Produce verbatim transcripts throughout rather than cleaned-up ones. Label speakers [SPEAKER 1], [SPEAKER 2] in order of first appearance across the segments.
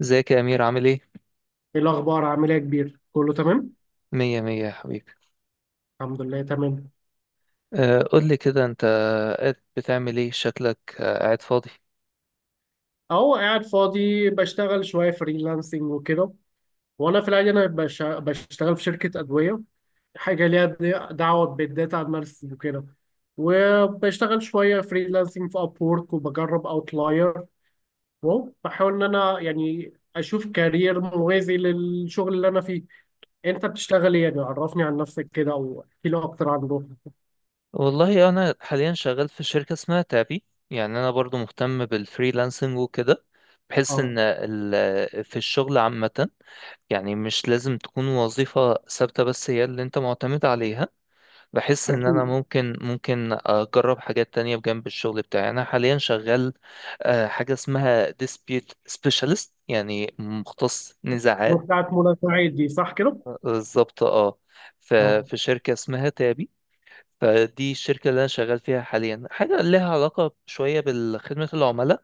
[SPEAKER 1] ازيك يا أمير؟ عامل ايه؟
[SPEAKER 2] ايه الاخبار؟ عامل ايه يا كبير؟ كله تمام،
[SPEAKER 1] مية مية يا حبيبي.
[SPEAKER 2] الحمد لله تمام.
[SPEAKER 1] آه، قول لي كده، انت قاعد بتعمل ايه؟ شكلك آه، قاعد فاضي.
[SPEAKER 2] اهو قاعد فاضي، بشتغل شويه فريلانسنج وكده. وانا في العادي انا بش- بشتغل في شركه ادويه، حاجه ليها د- دعوه بالداتا اناليسيس وكده. وبشتغل شويه فريلانسنج في ابورك، وبجرب اوتلاير. وهو بحاول ان انا يعني اشوف كارير موازي للشغل اللي انا فيه. انت بتشتغل ايه؟ يعني عرفني عن نفسك كده او احكي لي اكتر عن روحك.
[SPEAKER 1] والله انا حاليا شغال في شركة اسمها تابي. يعني انا برضو مهتم بالفريلانسنج وكده. بحس
[SPEAKER 2] اه،
[SPEAKER 1] ان ال- في الشغل عامة، يعني مش لازم تكون وظيفة ثابتة بس هي اللي انت معتمد عليها. بحس ان انا
[SPEAKER 2] اكيد.
[SPEAKER 1] ممكن ممكن اجرب حاجات تانية بجنب الشغل بتاعي. انا حاليا شغال آه، حاجة اسمها dispute specialist، يعني مختص
[SPEAKER 2] ما
[SPEAKER 1] نزاعات.
[SPEAKER 2] بتاعت منى سعيد دي، صح كده؟
[SPEAKER 1] بالظبط اه. ف- في شركة اسمها تابي. فدي الشركة اللي أنا شغال فيها حاليا، حاجة لها علاقة شوية بخدمة العملاء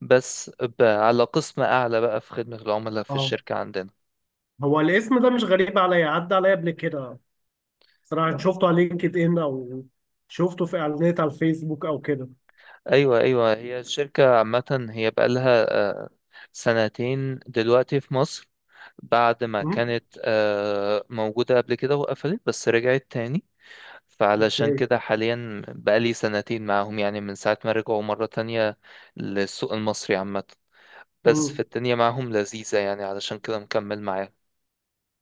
[SPEAKER 1] بس، ب- على قسم أعلى بقى في خدمة العملاء في
[SPEAKER 2] اه.
[SPEAKER 1] الشركة عندنا.
[SPEAKER 2] هو الاسم ده مش غريب عليا، عدى عليا قبل كده. صراحة شفته على لينكد ان، او شفته في اعلانات على الفيسبوك او كده.
[SPEAKER 1] أيوة أيوة، هي الشركة عامة هي بقالها آه، سنتين دلوقتي في مصر، بعد ما
[SPEAKER 2] امم.
[SPEAKER 1] كانت آه، موجودة قبل كده وقفلت بس رجعت تاني. فعلشان
[SPEAKER 2] اوكي.
[SPEAKER 1] كده حاليا بقالي سنتين معاهم، يعني من ساعة ما رجعوا مرة تانية للسوق المصري عامة. بس
[SPEAKER 2] امم.
[SPEAKER 1] في الدنيا معاهم لذيذة، يعني علشان كده مكمل معاهم.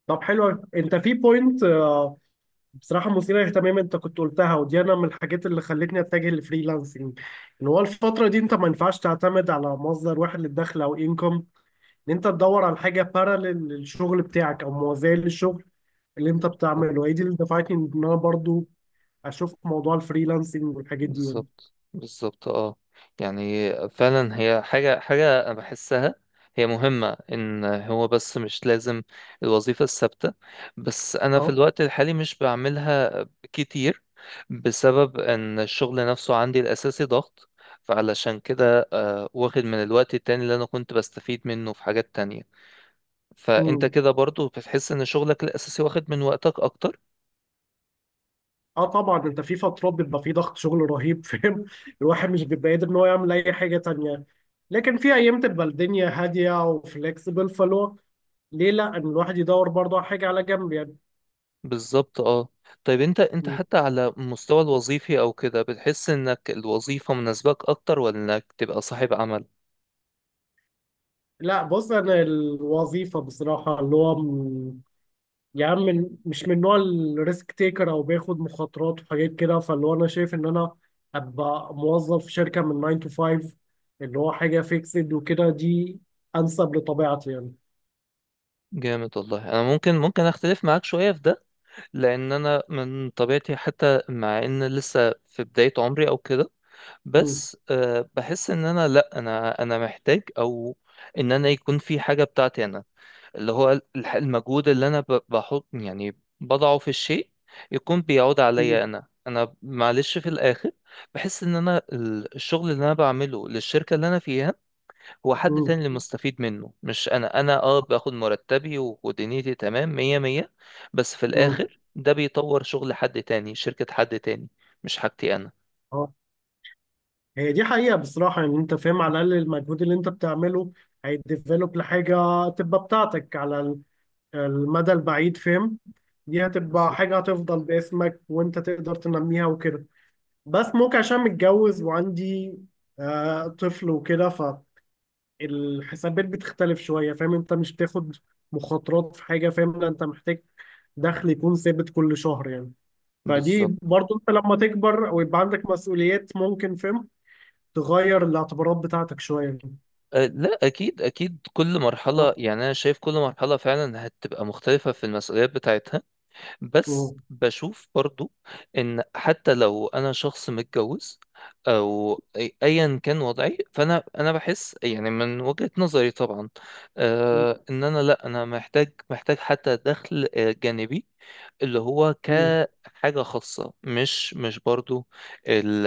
[SPEAKER 2] طب حلو، انت في بوينت آه، بصراحة مثيرة للاهتمام انت كنت قلتها، ودي انا من الحاجات اللي خلتني اتجه للفريلانسنج. ان هو الفترة دي انت ما ينفعش تعتمد على مصدر واحد للدخل، او انكم ان انت تدور على حاجة باراليل للشغل بتاعك او موازية للشغل اللي انت بتعمله. هي دي اللي دفعتني ان انا برضو اشوف موضوع الفريلانسنج والحاجات دي يعني.
[SPEAKER 1] بالظبط بالظبط اه. يعني فعلا هي حاجة حاجة أنا بحسها هي مهمة، إن هو بس مش لازم الوظيفة الثابتة. بس أنا في
[SPEAKER 2] اه.
[SPEAKER 1] الوقت الحالي مش بعملها كتير، بسبب إن الشغل نفسه عندي الأساسي ضغط. فعلشان كده آه، واخد من الوقت التاني اللي أنا كنت بستفيد منه في حاجات تانية. فأنت
[SPEAKER 2] مم.
[SPEAKER 1] كده برضو بتحس إن شغلك الأساسي واخد من وقتك أكتر؟
[SPEAKER 2] اه طبعا، انت في فترات بيبقى في ضغط شغل رهيب فاهم الواحد مش بيبقى قادر ان هو يعمل اي حاجه تانية. لكن في ايام تبقى الدنيا هاديه وفليكسبل، فلو ليه لا ان الواحد يدور برضه على حاجه على جنب يعني.
[SPEAKER 1] بالظبط اه. طيب انت انت
[SPEAKER 2] مم.
[SPEAKER 1] حتى على المستوى الوظيفي او كده، بتحس انك الوظيفة مناسباك اكتر ولا انك تبقى صاحب عمل؟
[SPEAKER 2] لا بص، انا الوظيفه بصراحه، اللي هو م- يا عم، من- مش من نوع الريسك تيكر او بياخد مخاطرات وحاجات كده. فاللي هو انا شايف ان انا ابقى موظف في شركه من ناين to فايف، اللي هو حاجه فيكسد وكده، دي انسب لطبيعتي
[SPEAKER 1] جامد. والله انا ممكن ممكن اختلف معاك شوية في ده، لان انا من طبيعتي، حتى مع ان لسه في بداية عمري او كده،
[SPEAKER 2] يعني.
[SPEAKER 1] بس أه بحس ان انا لا انا انا محتاج، او ان انا يكون في حاجة بتاعتي انا، اللي هو الح- المجهود اللي انا ب- بحط يعني بضعه في الشيء يكون بيعود
[SPEAKER 2] مم.
[SPEAKER 1] عليا انا. انا معلش في الاخر بحس ان انا ال- الشغل اللي انا بعمله للشركة اللي انا فيها، هو حد
[SPEAKER 2] مم.
[SPEAKER 1] تاني اللي مستفيد منه مش انا. انا اه باخد مرتبي و- ودنيتي تمام مية مية، بس في
[SPEAKER 2] مم.
[SPEAKER 1] الاخر ده بيطور شغل حد تاني، شركة حد تاني، مش حاجتي انا.
[SPEAKER 2] اه، هي دي حقيقة بصراحة يعني. انت فاهم، على الأقل المجهود اللي انت بتعمله هيديفلوب لحاجة تبقى بتاعتك على ال- المدى البعيد، فاهم؟ دي هتبقى
[SPEAKER 1] بالظبط
[SPEAKER 2] حاجة هتفضل باسمك، وانت تقدر تنميها وكده. بس ممكن عشان متجوز وعندي آه طفل وكده، فالحسابات بتختلف شوية، فاهم؟ انت مش بتاخد مخاطرات في حاجة، فاهم؟ لا، انت محتاج دخل يكون ثابت كل شهر يعني.
[SPEAKER 1] بالظبط.
[SPEAKER 2] فدي برضو، انت لما تكبر ويبقى عندك مسؤوليات، ممكن فهم تغير الاعتبارات بتاعتك شوية.
[SPEAKER 1] أه لا اكيد اكيد، كل
[SPEAKER 2] اه.
[SPEAKER 1] مرحله يعني، انا شايف كل مرحله فعلا هتبقى مختلفه في المسؤوليات بتاعتها. بس
[SPEAKER 2] مم.
[SPEAKER 1] بشوف برضو ان حتى لو انا شخص متجوز او أي- ايا كان وضعي، فانا انا بحس يعني من وجهة نظري طبعا، آه، ان انا لا انا محتاج محتاج حتى دخل آه، جانبي، اللي هو
[SPEAKER 2] مم.
[SPEAKER 1] كحاجة خاصة. مش مش برضو ال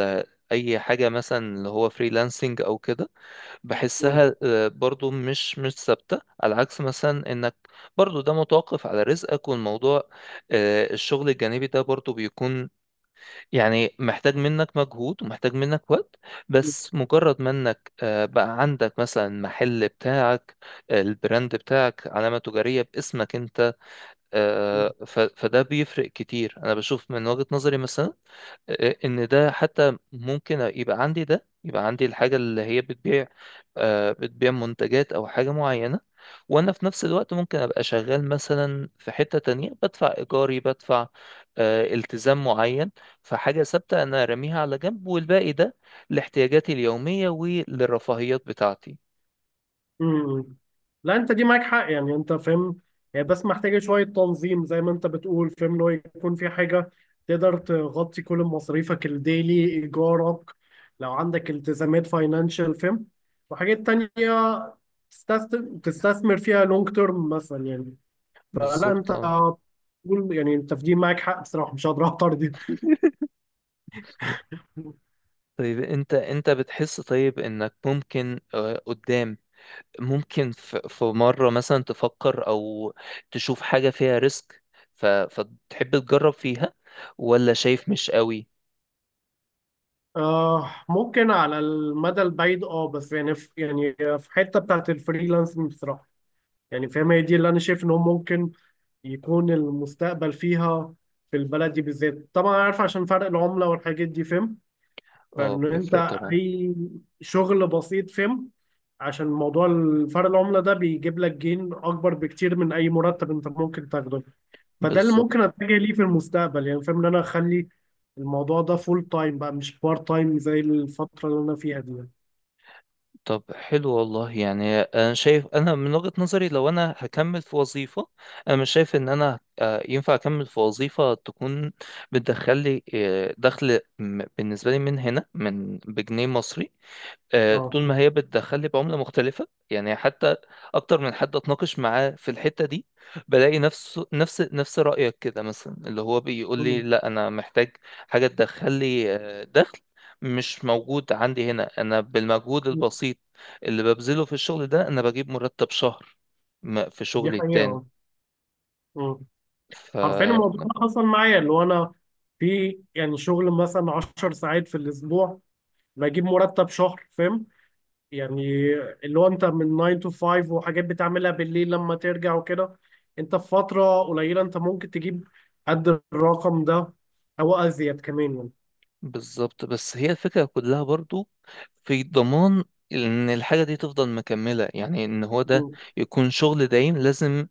[SPEAKER 1] ال اي حاجة مثلا اللي هو فريلانسنج او كده،
[SPEAKER 2] مم.
[SPEAKER 1] بحسها آه، برضو مش مش ثابتة. على عكس مثلا انك برضو ده متوقف على رزقك. والموضوع آه، الشغل الجانبي ده برضو بيكون يعني محتاج منك مجهود ومحتاج منك وقت. بس مجرد ما انك آه، بقى عندك مثلا محل بتاعك، آه، البراند بتاعك، علامة تجارية باسمك انت،
[SPEAKER 2] مم.
[SPEAKER 1] آه، ف- فده بيفرق كتير، انا بشوف من وجهة نظري مثلا. آه، ان ده حتى ممكن يبقى عندي ده يبقى عندي الحاجة اللي هي بتبيع، آه، بتبيع منتجات او حاجة معينة، وانا في نفس الوقت ممكن ابقى شغال مثلا في حتة تانية بدفع ايجاري، بدفع آه، التزام معين. فحاجة ثابتة انا راميها على جنب، والباقي ده لاحتياجاتي اليومية وللرفاهيات بتاعتي.
[SPEAKER 2] مم. لا انت دي معاك حق يعني، انت فاهم. هي بس محتاجة شوية تنظيم زي ما انت بتقول، فاهم؟ اللي هو يكون في حاجة تقدر تغطي كل مصاريفك الديلي، ايجارك، لو عندك التزامات فاينانشال فاهم، وحاجات تانية تستثمر تستثمر فيها لونج تيرم مثلا يعني. لا انت،
[SPEAKER 1] بالظبط اه.
[SPEAKER 2] تقول يعني، انت في دي معاك حق بصراحه، مش هقدر اعترض.
[SPEAKER 1] طيب انت انت بتحس طيب انك ممكن آه، قدام، ممكن ف- في مرة مثلا تفكر أو تشوف حاجة فيها ريسك ف... فتحب تجرب فيها، ولا شايف مش قوي؟
[SPEAKER 2] آه ممكن على المدى البعيد اه، بس يعني في يعني في حته بتاعت الفريلانسنج بصراحه يعني فاهم، هي دي اللي انا شايف ان هو ممكن يكون المستقبل فيها، في البلد دي بالذات طبعا، عارف عشان فرق العمله والحاجات دي فاهم.
[SPEAKER 1] اه
[SPEAKER 2] فان انت
[SPEAKER 1] بيفرق طبعا.
[SPEAKER 2] اي شغل بسيط فاهم، عشان موضوع فرق العمله ده بيجيب لك جين اكبر بكتير من اي مرتب انت ممكن تاخده. فده اللي
[SPEAKER 1] بالظبط.
[SPEAKER 2] ممكن اتجه ليه في المستقبل يعني، فاهم ان انا اخلي الموضوع ده فول تايم بقى، مش بارت تايم زي الفترة اللي انا فيها دي يعني.
[SPEAKER 1] طب حلو. والله يعني أنا شايف، أنا من وجهة نظري لو أنا هكمل في وظيفة، أنا مش شايف إن أنا آه، ينفع أكمل في وظيفة تكون بتدخل لي آه، دخل م- بالنسبة لي من هنا من بجنيه مصري. آه،
[SPEAKER 2] اه.
[SPEAKER 1] طول ما هي بتدخل لي بعملة مختلفة يعني، حتى أكتر من حد أتناقش معاه في الحتة دي بلاقي نفس نفس نفس رأيك كده مثلا، اللي هو بيقول لي
[SPEAKER 2] مم.
[SPEAKER 1] لا أنا محتاج حاجة تدخل لي آه، دخل مش موجود عندي هنا. أنا بالمجهود البسيط اللي ببذله في الشغل ده أنا بجيب مرتب شهر م- في
[SPEAKER 2] دي
[SPEAKER 1] شغلي
[SPEAKER 2] حقيقة
[SPEAKER 1] التاني.
[SPEAKER 2] اه. مم.
[SPEAKER 1] ف
[SPEAKER 2] حرفيا الموضوع ده حصل معايا، اللي هو انا في يعني شغل مثلا عشر ساعات في الاسبوع بجيب مرتب شهر، فاهم يعني؟ اللي هو انت من ناين to فايف، وحاجات بتعملها بالليل لما ترجع وكده، انت في فترة قليلة انت ممكن تجيب قد الرقم ده او ازيد كمان يعني.
[SPEAKER 1] بالظبط. بس هي الفكرة كلها برضو في ضمان ان الحاجة دي تفضل مكملة، يعني ان هو ده
[SPEAKER 2] مم.
[SPEAKER 1] يكون شغل دايم لازم.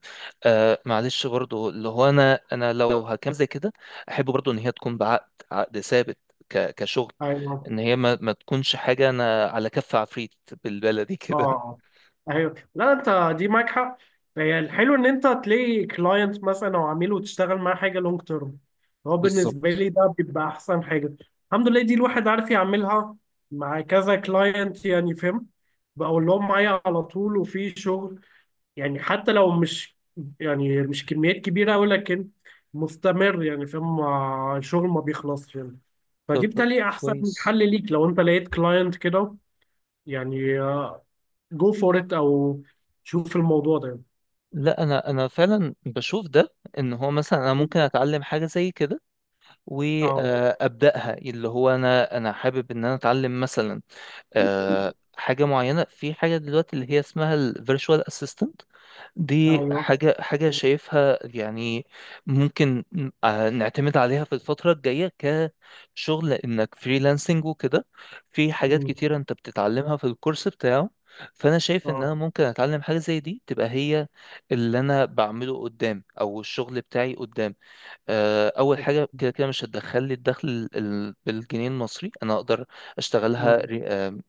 [SPEAKER 1] آه معلش، برضو اللي هو انا انا لو هكمل زي كده احب برضو ان هي تكون بعقد، عقد ثابت، ك- كشغل،
[SPEAKER 2] ايوه.
[SPEAKER 1] ان هي ما, ما تكونش حاجة انا على كف عفريت بالبلدي
[SPEAKER 2] اه.
[SPEAKER 1] كده.
[SPEAKER 2] اه. ايوه، لا انت دي معاك حق. هي الحلو ان انت تلاقي كلاينت مثلا او عميل وتشتغل معاه حاجه لونج تيرم. هو بالنسبه
[SPEAKER 1] بالظبط.
[SPEAKER 2] لي، ده بيبقى احسن حاجه. الحمد لله دي الواحد عارف يعملها مع كذا كلاينت يعني فاهم، بقول لهم معايا على طول وفي شغل يعني، حتى لو مش يعني مش كميات كبيره أوي لكن مستمر يعني، فاهم مع الشغل ما بيخلصش يعني. فدي
[SPEAKER 1] طب
[SPEAKER 2] بتالي احسن
[SPEAKER 1] كويس.
[SPEAKER 2] حل ليك لو انت لقيت كلاينت كده يعني. جو فور ات او شوف الموضوع ده.
[SPEAKER 1] لا انا انا فعلا بشوف ده، ان هو مثلا انا ممكن اتعلم حاجة زي كده
[SPEAKER 2] اه.
[SPEAKER 1] وابداها. اللي هو انا انا حابب ان انا اتعلم مثلا آه، حاجه معينه في حاجه دلوقتي اللي هي اسمها الفيرتشوال اسيستنت. دي
[SPEAKER 2] ايوه.
[SPEAKER 1] حاجه حاجه شايفها يعني ممكن آه، نعتمد عليها في الفتره الجايه كشغل، انك فريلانسنج وكده. في حاجات
[SPEAKER 2] مم.
[SPEAKER 1] كتيره انت بتتعلمها في الكورس بتاعه. فانا شايف ان
[SPEAKER 2] اه.
[SPEAKER 1] انا ممكن اتعلم حاجه زي دي تبقى هي اللي انا بعمله قدام، او الشغل بتاعي قدام. آه، اول حاجه كده كده مش هتدخل لي الدخل ال- ال- بالجنيه المصري، انا اقدر اشتغلها
[SPEAKER 2] مم.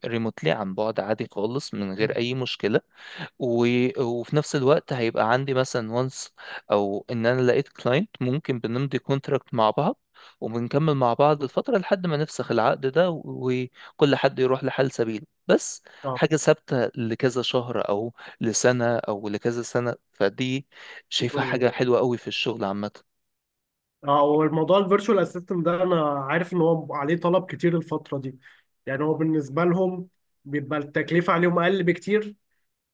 [SPEAKER 1] ريموتلي، عن بعد، عادي خالص من
[SPEAKER 2] مم.
[SPEAKER 1] غير اي مشكله. و- وفي نفس الوقت هيبقى عندي مثلا وانس، او ان انا لقيت كلاينت ممكن بنمضي كونتراكت مع بعض وبنكمل مع بعض الفتره لحد ما نفسخ العقد ده و- وكل حد يروح لحال سبيله. بس
[SPEAKER 2] اه.
[SPEAKER 1] حاجه ثابته لكذا شهر او لسنه او لكذا سنه، فدي شايفها
[SPEAKER 2] مم.
[SPEAKER 1] حاجه حلوه قوي في الشغل عامه.
[SPEAKER 2] اه، والموضوع الفيرتشوال اسيستنت ده انا عارف ان هو عليه طلب كتير الفتره دي. يعني هو بالنسبه لهم بيبقى التكلفه عليهم اقل بكتير،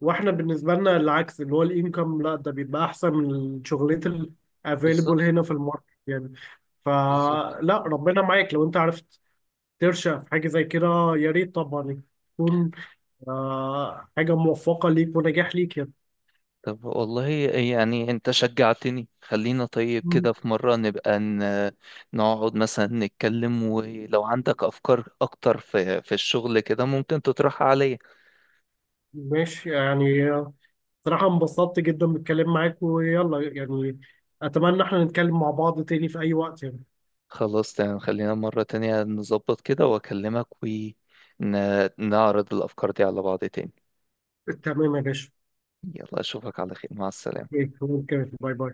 [SPEAKER 2] واحنا بالنسبه لنا العكس، اللي هو الانكم لا ده بيبقى احسن من الشغلات الافيلبل
[SPEAKER 1] بالظبط
[SPEAKER 2] هنا في الماركت يعني.
[SPEAKER 1] بالظبط.
[SPEAKER 2] فلا، ربنا معاك لو انت عرفت ترشق في حاجه زي كده، يا ريت طبعا يكون آه حاجة موفقة ليك ونجاح ليك يعني.
[SPEAKER 1] طب والله يعني انت شجعتني. خلينا طيب
[SPEAKER 2] مم.
[SPEAKER 1] كده في مرة نبقى ن- نقعد مثلا نتكلم، ولو عندك أفكار أكتر في في الشغل كده ممكن تطرحها عليا.
[SPEAKER 2] ماشي يعني، آه، صراحة انبسطت جدا بالكلام معاك ويلا يعني. أتمنى احنا نتكلم مع بعض تاني في أي وقت يعني.
[SPEAKER 1] خلاص تمام، خلينا مرة تانية نظبط كده وأكلمك ونعرض الأفكار دي على بعض تاني.
[SPEAKER 2] تمام يا باشا.
[SPEAKER 1] يلا أشوفك على خير، مع
[SPEAKER 2] اوكي
[SPEAKER 1] السلامة.
[SPEAKER 2] اوكي، باي باي.